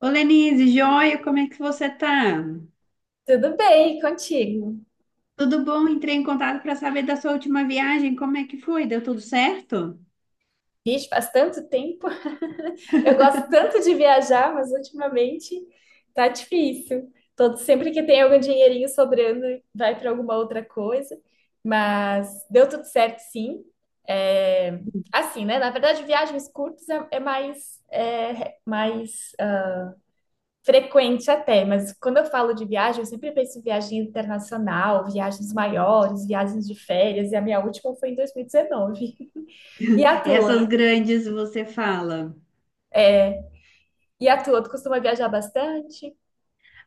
Ô Lenise, joia, como é que você tá? Tudo bem, e contigo? Tudo bom? Entrei em contato para saber da sua última viagem, como é que foi? Deu tudo certo? Vixe, faz tanto tempo. Eu gosto tanto de viajar, mas ultimamente tá difícil. Sempre que tem algum dinheirinho sobrando, vai para alguma outra coisa. Mas deu tudo certo, sim. É, assim, né? Na verdade, viagens curtas é mais frequente até. Mas quando eu falo de viagem, eu sempre penso em viagem internacional, viagens maiores, viagens de férias. E a minha última foi em 2019. E a Essas tua? grandes você fala. E a tua? Tu costuma viajar bastante?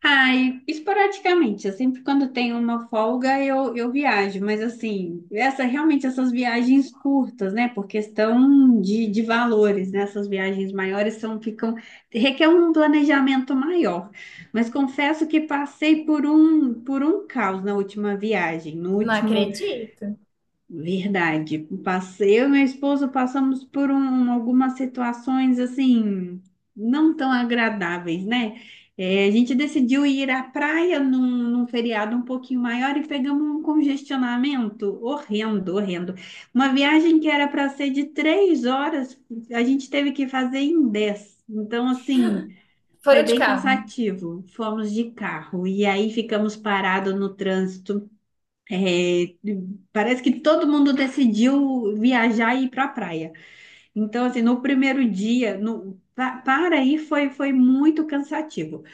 Ai, esporadicamente, eu sempre quando tenho uma folga eu viajo, mas assim, essa realmente essas viagens curtas, né? Por questão de valores, né? Essas viagens maiores são, ficam, requer um planejamento maior. Mas confesso que passei por um caos na última viagem. No Não último acredito. Verdade. Passei, eu e meu esposo passamos algumas situações assim não tão agradáveis, né? É, a gente decidiu ir à praia num feriado um pouquinho maior e pegamos um congestionamento horrendo, horrendo. Uma viagem que era para ser de três horas, a gente teve que fazer em dez. Então, assim, Foram foi de bem carro. cansativo. Fomos de carro e aí ficamos parados no trânsito. É, parece que todo mundo decidiu viajar e ir para a praia. Então, assim, no primeiro dia, no, pa- para aí foi muito cansativo.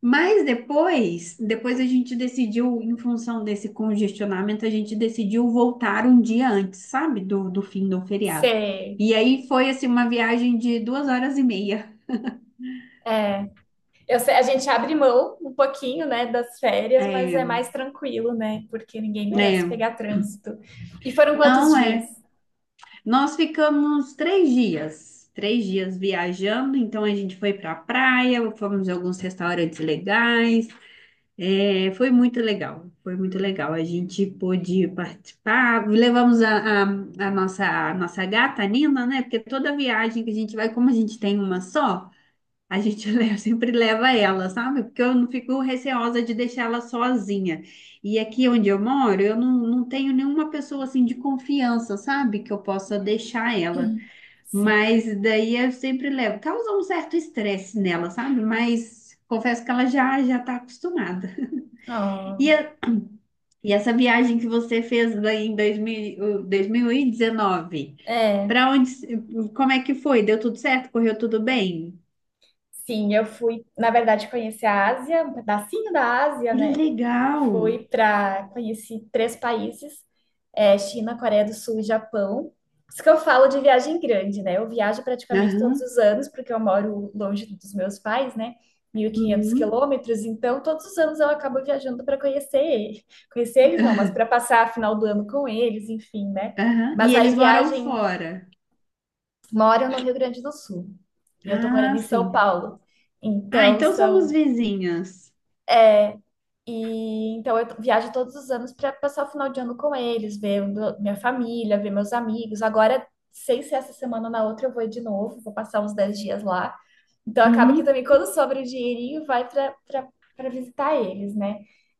Mas depois a gente decidiu, em função desse congestionamento, a gente decidiu voltar um dia antes, sabe? Do fim do feriado. Sei. E aí foi, assim, uma viagem de duas horas e meia. É. Eu sei, a gente abre mão um pouquinho, né, das férias, mas é É, mais tranquilo, né? Porque ninguém merece é, pegar trânsito. E foram quantos não dias? é. Nós ficamos três dias viajando, então a gente foi para a praia, fomos em alguns restaurantes legais, foi muito legal, foi muito legal. A gente pôde participar, levamos a nossa gata, a Nina, né? Porque toda viagem que a gente vai, como a gente tem uma só, a gente sempre leva ela, sabe? Porque eu não fico receosa de deixar ela sozinha. E aqui onde eu moro, eu não tenho nenhuma pessoa assim de confiança, sabe? Que eu possa deixar ela. Sim. Mas daí eu sempre levo. Causa um certo estresse nela, sabe? Mas confesso que ela já já está acostumada. E, Oh, a- e essa viagem que você fez daí em dois mil, o- dois mil e 2019, é. para onde, como é que foi? Deu tudo certo? Correu tudo bem? Sim, eu fui, na verdade, conhecer a Ásia, um pedacinho da Ásia, Que né? legal! Conheci três países, é, China, Coreia do Sul e Japão. Isso que eu falo de viagem grande, né? Eu viajo praticamente todos Aham. os anos, porque eu moro longe dos meus pais, né? Mil e quinhentos Uhum. quilômetros, então todos os anos eu acabo viajando para conhecer ele. Conhecer eles não, mas para passar a final do ano com eles, enfim, né? Aham. Mas E aí eles moram viagem, fora. moro no Rio Grande do Sul e eu tô morando Ah, em São sim. Paulo. Ah, Então então somos são vizinhas. E então eu viajo todos os anos para passar o final de ano com eles, ver minha família, ver meus amigos. Agora, sem ser essa semana ou na outra, eu vou de novo, vou passar uns 10 dias lá. Então acaba que Uhum. também quando sobra o dinheirinho, vai para visitar eles, né?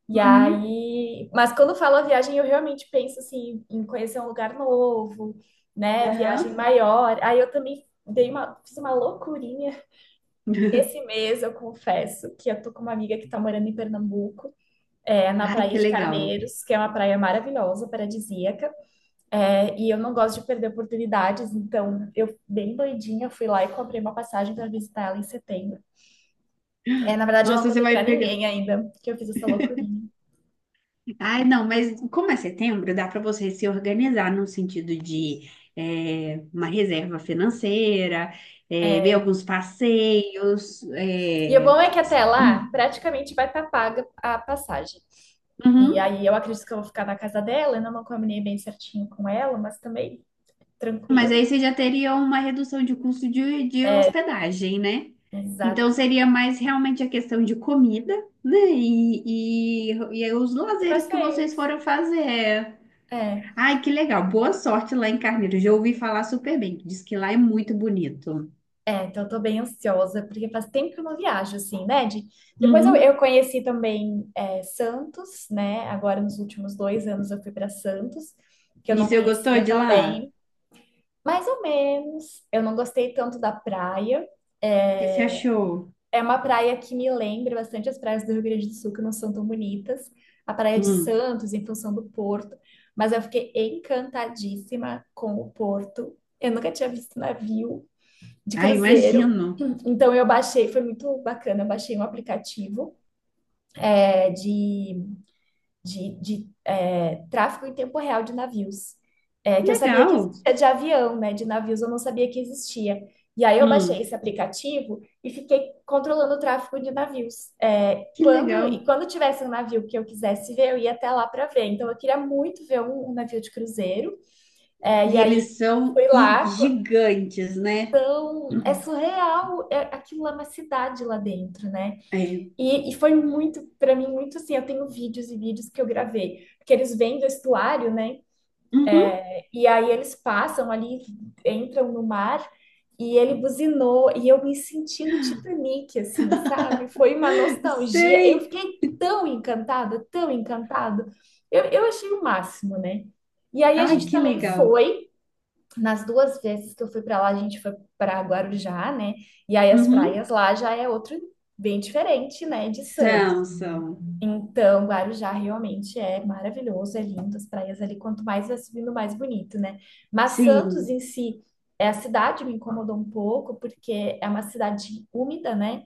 E Uhum. aí, mas quando falo a viagem, eu realmente penso assim em conhecer um lugar novo, né? Viagem Aham. maior. Aí eu também fiz uma loucurinha esse mês, eu confesso, que eu tô com uma amiga que tá morando em Pernambuco, é, na Ai, Praia que de legal. Carneiros, que é uma praia maravilhosa, paradisíaca. É, e eu não gosto de perder oportunidades, então eu, bem doidinha, fui lá e comprei uma passagem para visitar ela em setembro. É, na verdade, eu não Nossa, você contei para vai pegar. ninguém ainda que eu fiz essa loucurinha. Ai, não, mas como é setembro, dá para você se organizar no sentido de uma reserva financeira, ver alguns passeios. E o bom é que até lá, praticamente vai estar paga a passagem. E aí eu acredito que eu vou ficar na casa dela, ainda não combinei bem certinho com ela, mas também Mas tranquilo. aí você já teria uma redução de custo de É. hospedagem, né? Então Exatamente. seria mais realmente a questão de comida, né? E aí os E lazeres que vocês passeios. foram fazer. É. Ai, que legal. Boa sorte lá em Carneiro. Já ouvi falar super bem. Diz que lá é muito bonito. É, então eu tô bem ansiosa, porque faz tempo que eu não viajo, assim, né? Depois eu, Uhum. eu conheci também, é, Santos, né? Agora, nos últimos 2 anos, eu fui para Santos, que eu E não você gostou conhecia de lá? O também, mais ou menos. Eu não gostei tanto da praia. que você É achou? é uma praia que me lembra bastante as praias do Rio Grande do Sul, que não são tão bonitas. A praia de Hum. Santos, em função do porto. Mas eu fiquei encantadíssima com o porto. Eu nunca tinha visto navio de Ah, cruzeiro. imagino. Então eu baixei, foi muito bacana, eu baixei um aplicativo é, de, de tráfego em tempo real de navios, que eu sabia que Legal. existia de avião, né? De navios eu não sabia que existia. E aí eu baixei Hum. esse aplicativo e fiquei controlando o tráfego de navios. Que Quando legal. e quando tivesse um navio que eu quisesse ver, eu ia até lá para ver. Então eu queria muito ver um navio de cruzeiro. E E aí eles são fui lá. gigantes, né? É Uhum. surreal, aquilo lá é uma cidade lá dentro, né? É. E foi muito, pra mim, muito assim. Eu tenho vídeos e vídeos que eu gravei, porque eles vêm do estuário, né? Uhum. E aí eles passam ali, entram no mar, e ele buzinou, e eu me senti no Titanic, assim, sabe? Foi uma nostalgia. Eu Sei. fiquei tão encantada, tão encantada. Eu achei o máximo, né? E aí a Ai, gente que também legal. foi. Nas duas vezes que eu fui para lá, a gente foi para Guarujá, né? E aí as Uhum. praias lá já é outro bem diferente, né, de Santos. São, são. Então, Guarujá realmente é maravilhoso, é lindo, as praias ali, quanto mais vai subindo, mais bonito, né? Mas Santos Sim. em si, a cidade me incomodou um pouco, porque é uma cidade úmida, né?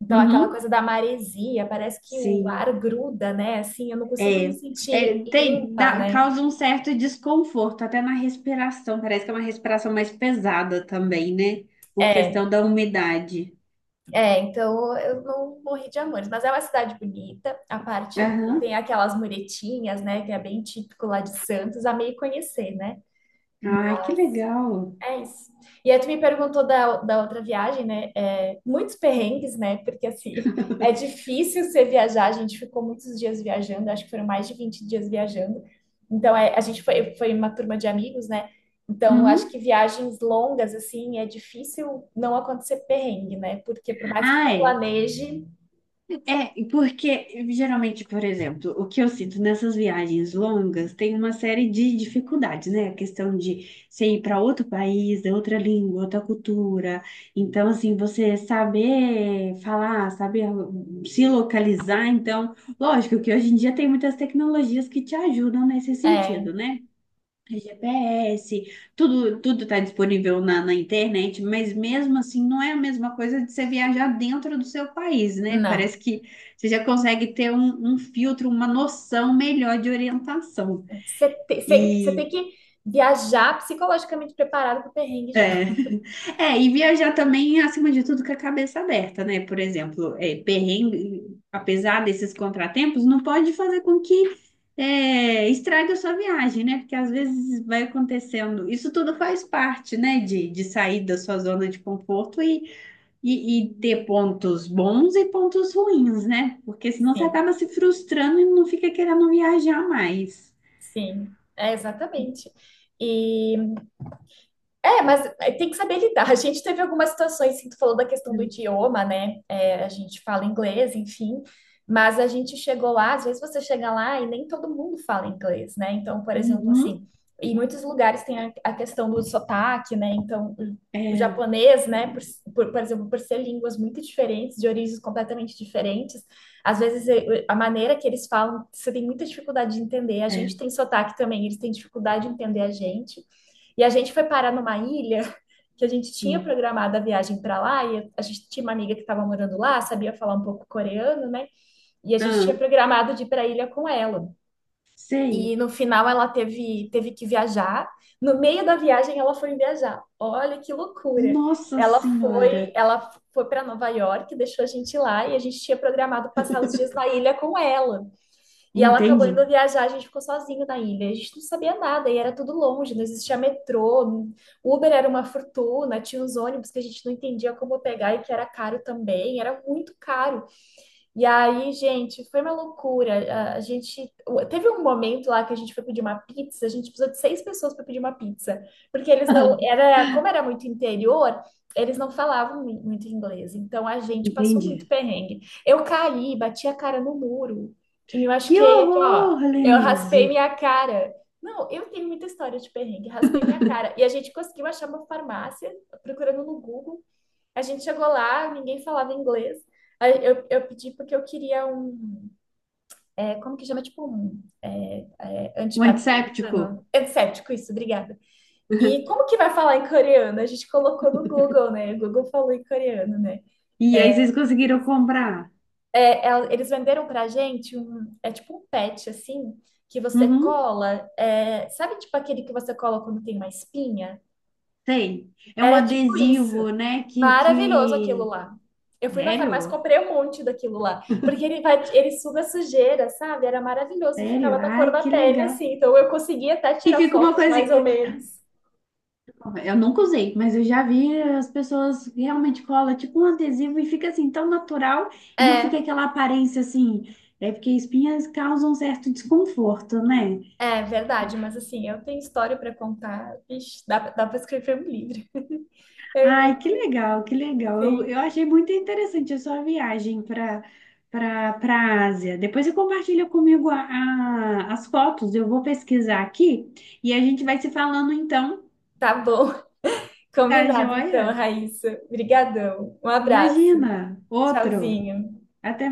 Então, aquela Uhum. coisa da maresia, parece que o ar Sim. gruda, né? Assim, eu não consigo me É. É, sentir tem, limpa, né? causa um certo desconforto, até na respiração. Parece que é uma respiração mais pesada também, né? Por É. questão da umidade. É, então eu não morri de amores, mas é uma cidade bonita. A parte do. Tem Aham. aquelas muretinhas, né? Que é bem típico lá de Santos, a meio conhecer, né? Ai, que legal. É isso. E aí tu me perguntou da outra viagem, né? É, muitos perrengues, né? Porque assim, é difícil você viajar, a gente ficou muitos dias viajando, acho que foram mais de 20 dias viajando. Então, a gente foi uma turma de amigos, né? Então, acho que Uhum. viagens longas, assim, é difícil não acontecer perrengue, né? Porque por mais que Ah, tu é. planeje, É, porque geralmente, por exemplo, o que eu sinto nessas viagens longas tem uma série de dificuldades, né? A questão de você ir para outro país, de outra língua, outra cultura. Então, assim, você saber falar, saber se localizar. Então, lógico que hoje em dia tem muitas tecnologias que te ajudam nesse é, sentido, né? GPS, tudo está disponível na internet, mas mesmo assim não é a mesma coisa de você viajar dentro do seu país, né? não. Parece que você já consegue ter um filtro, uma noção melhor de orientação. Você tem E que viajar psicologicamente preparado para o perrengue já. é. É, e viajar também, acima de tudo, com a cabeça aberta, né? Por exemplo, perrengue, apesar desses contratempos, não pode fazer com que estrague a sua viagem, né? Porque às vezes vai acontecendo. Isso tudo faz parte, né? De sair da sua zona de conforto e, e ter pontos bons e pontos ruins, né? Porque senão você Sim, acaba se frustrando e não fica querendo viajar mais. sim, é exatamente. É, mas tem que saber lidar. A gente teve algumas situações, assim, tu falou da questão do idioma, né? É, a gente fala inglês, enfim, mas a gente chegou lá, às vezes você chega lá e nem todo mundo fala inglês, né? Então, por exemplo, Uhum. assim, em muitos lugares tem a questão do sotaque, né? Então, o É, japonês, né? Por exemplo, por ser línguas muito diferentes, de origens completamente diferentes, às vezes a maneira que eles falam, você tem muita dificuldade de entender. A é. gente tem sotaque também, eles têm dificuldade de entender a gente. E a gente foi parar numa ilha que a gente tinha Hum. programado a viagem para lá e a gente tinha uma amiga que estava morando lá, sabia falar um pouco coreano, né? E a gente tinha Ah, programado de ir para a ilha com ela. E sei. no final ela teve que viajar. No meio da viagem ela foi viajar. Olha que loucura. Nossa Ela foi, Senhora! ela foi para Nova York, deixou a gente lá e a gente tinha programado passar os dias na ilha com ela. E ela acabou Entende? indo viajar, a gente ficou sozinho na ilha. A gente não sabia nada e era tudo longe, não existia metrô, Uber era uma fortuna, tinha os ônibus que a gente não entendia como pegar e que era caro também, era muito caro. E aí, gente, foi uma loucura. A gente teve um momento lá que a gente foi pedir uma pizza, a gente precisou de seis pessoas para pedir uma pizza, porque eles não era, como era muito interior, eles não falavam muito inglês. Então a gente passou muito Entende? perrengue. Eu caí, bati a cara no muro e me Que machuquei aqui, ó. horror, Eu raspei Lenise! minha cara. Não, eu tenho muita história de perrengue, raspei minha cara. E a gente conseguiu achar uma farmácia procurando no Google. A gente chegou lá, ninguém falava inglês. Aí eu pedi porque eu queria um. Como que chama? Tipo um. É, é, Um antisséptico. antibacteriano? Antisséptico, isso, obrigada. E como que vai falar em coreano? A gente colocou no Google, né? O Google falou em coreano, né? E aí É, vocês conseguiram comprar? eles venderam pra gente um. É tipo um patch, assim, que você Uhum, cola. Sabe, tipo aquele que você cola quando tem uma espinha? tem. É um Era tipo isso. adesivo, né? Que, Maravilhoso aquilo que... lá. Eu fui na farmácia Sério? comprei um monte daquilo lá. Porque ele suga sujeira, sabe? Era maravilhoso. E Sério? ficava da cor Ai, da que pele, legal. assim. Então eu conseguia até E tirar fica uma fotos, coisa... mais ou menos. Eu nunca usei, mas eu já vi as pessoas realmente colam tipo um adesivo e fica assim tão natural e não É, fica aquela aparência assim... É porque espinhas causam um certo desconforto, né? é verdade. Mas assim, eu tenho história pra contar. Vixe, dá pra escrever um livro. É Ai, muito, que legal, que legal. Eu, sim. eu achei muito interessante a sua viagem para a Ásia. Depois você compartilha comigo as fotos, eu vou pesquisar aqui e a gente vai se falando então, Tá bom. tá Combinado então, joia? Raíssa. Obrigadão. Um abraço. Imagina, outro. Tchauzinho. Até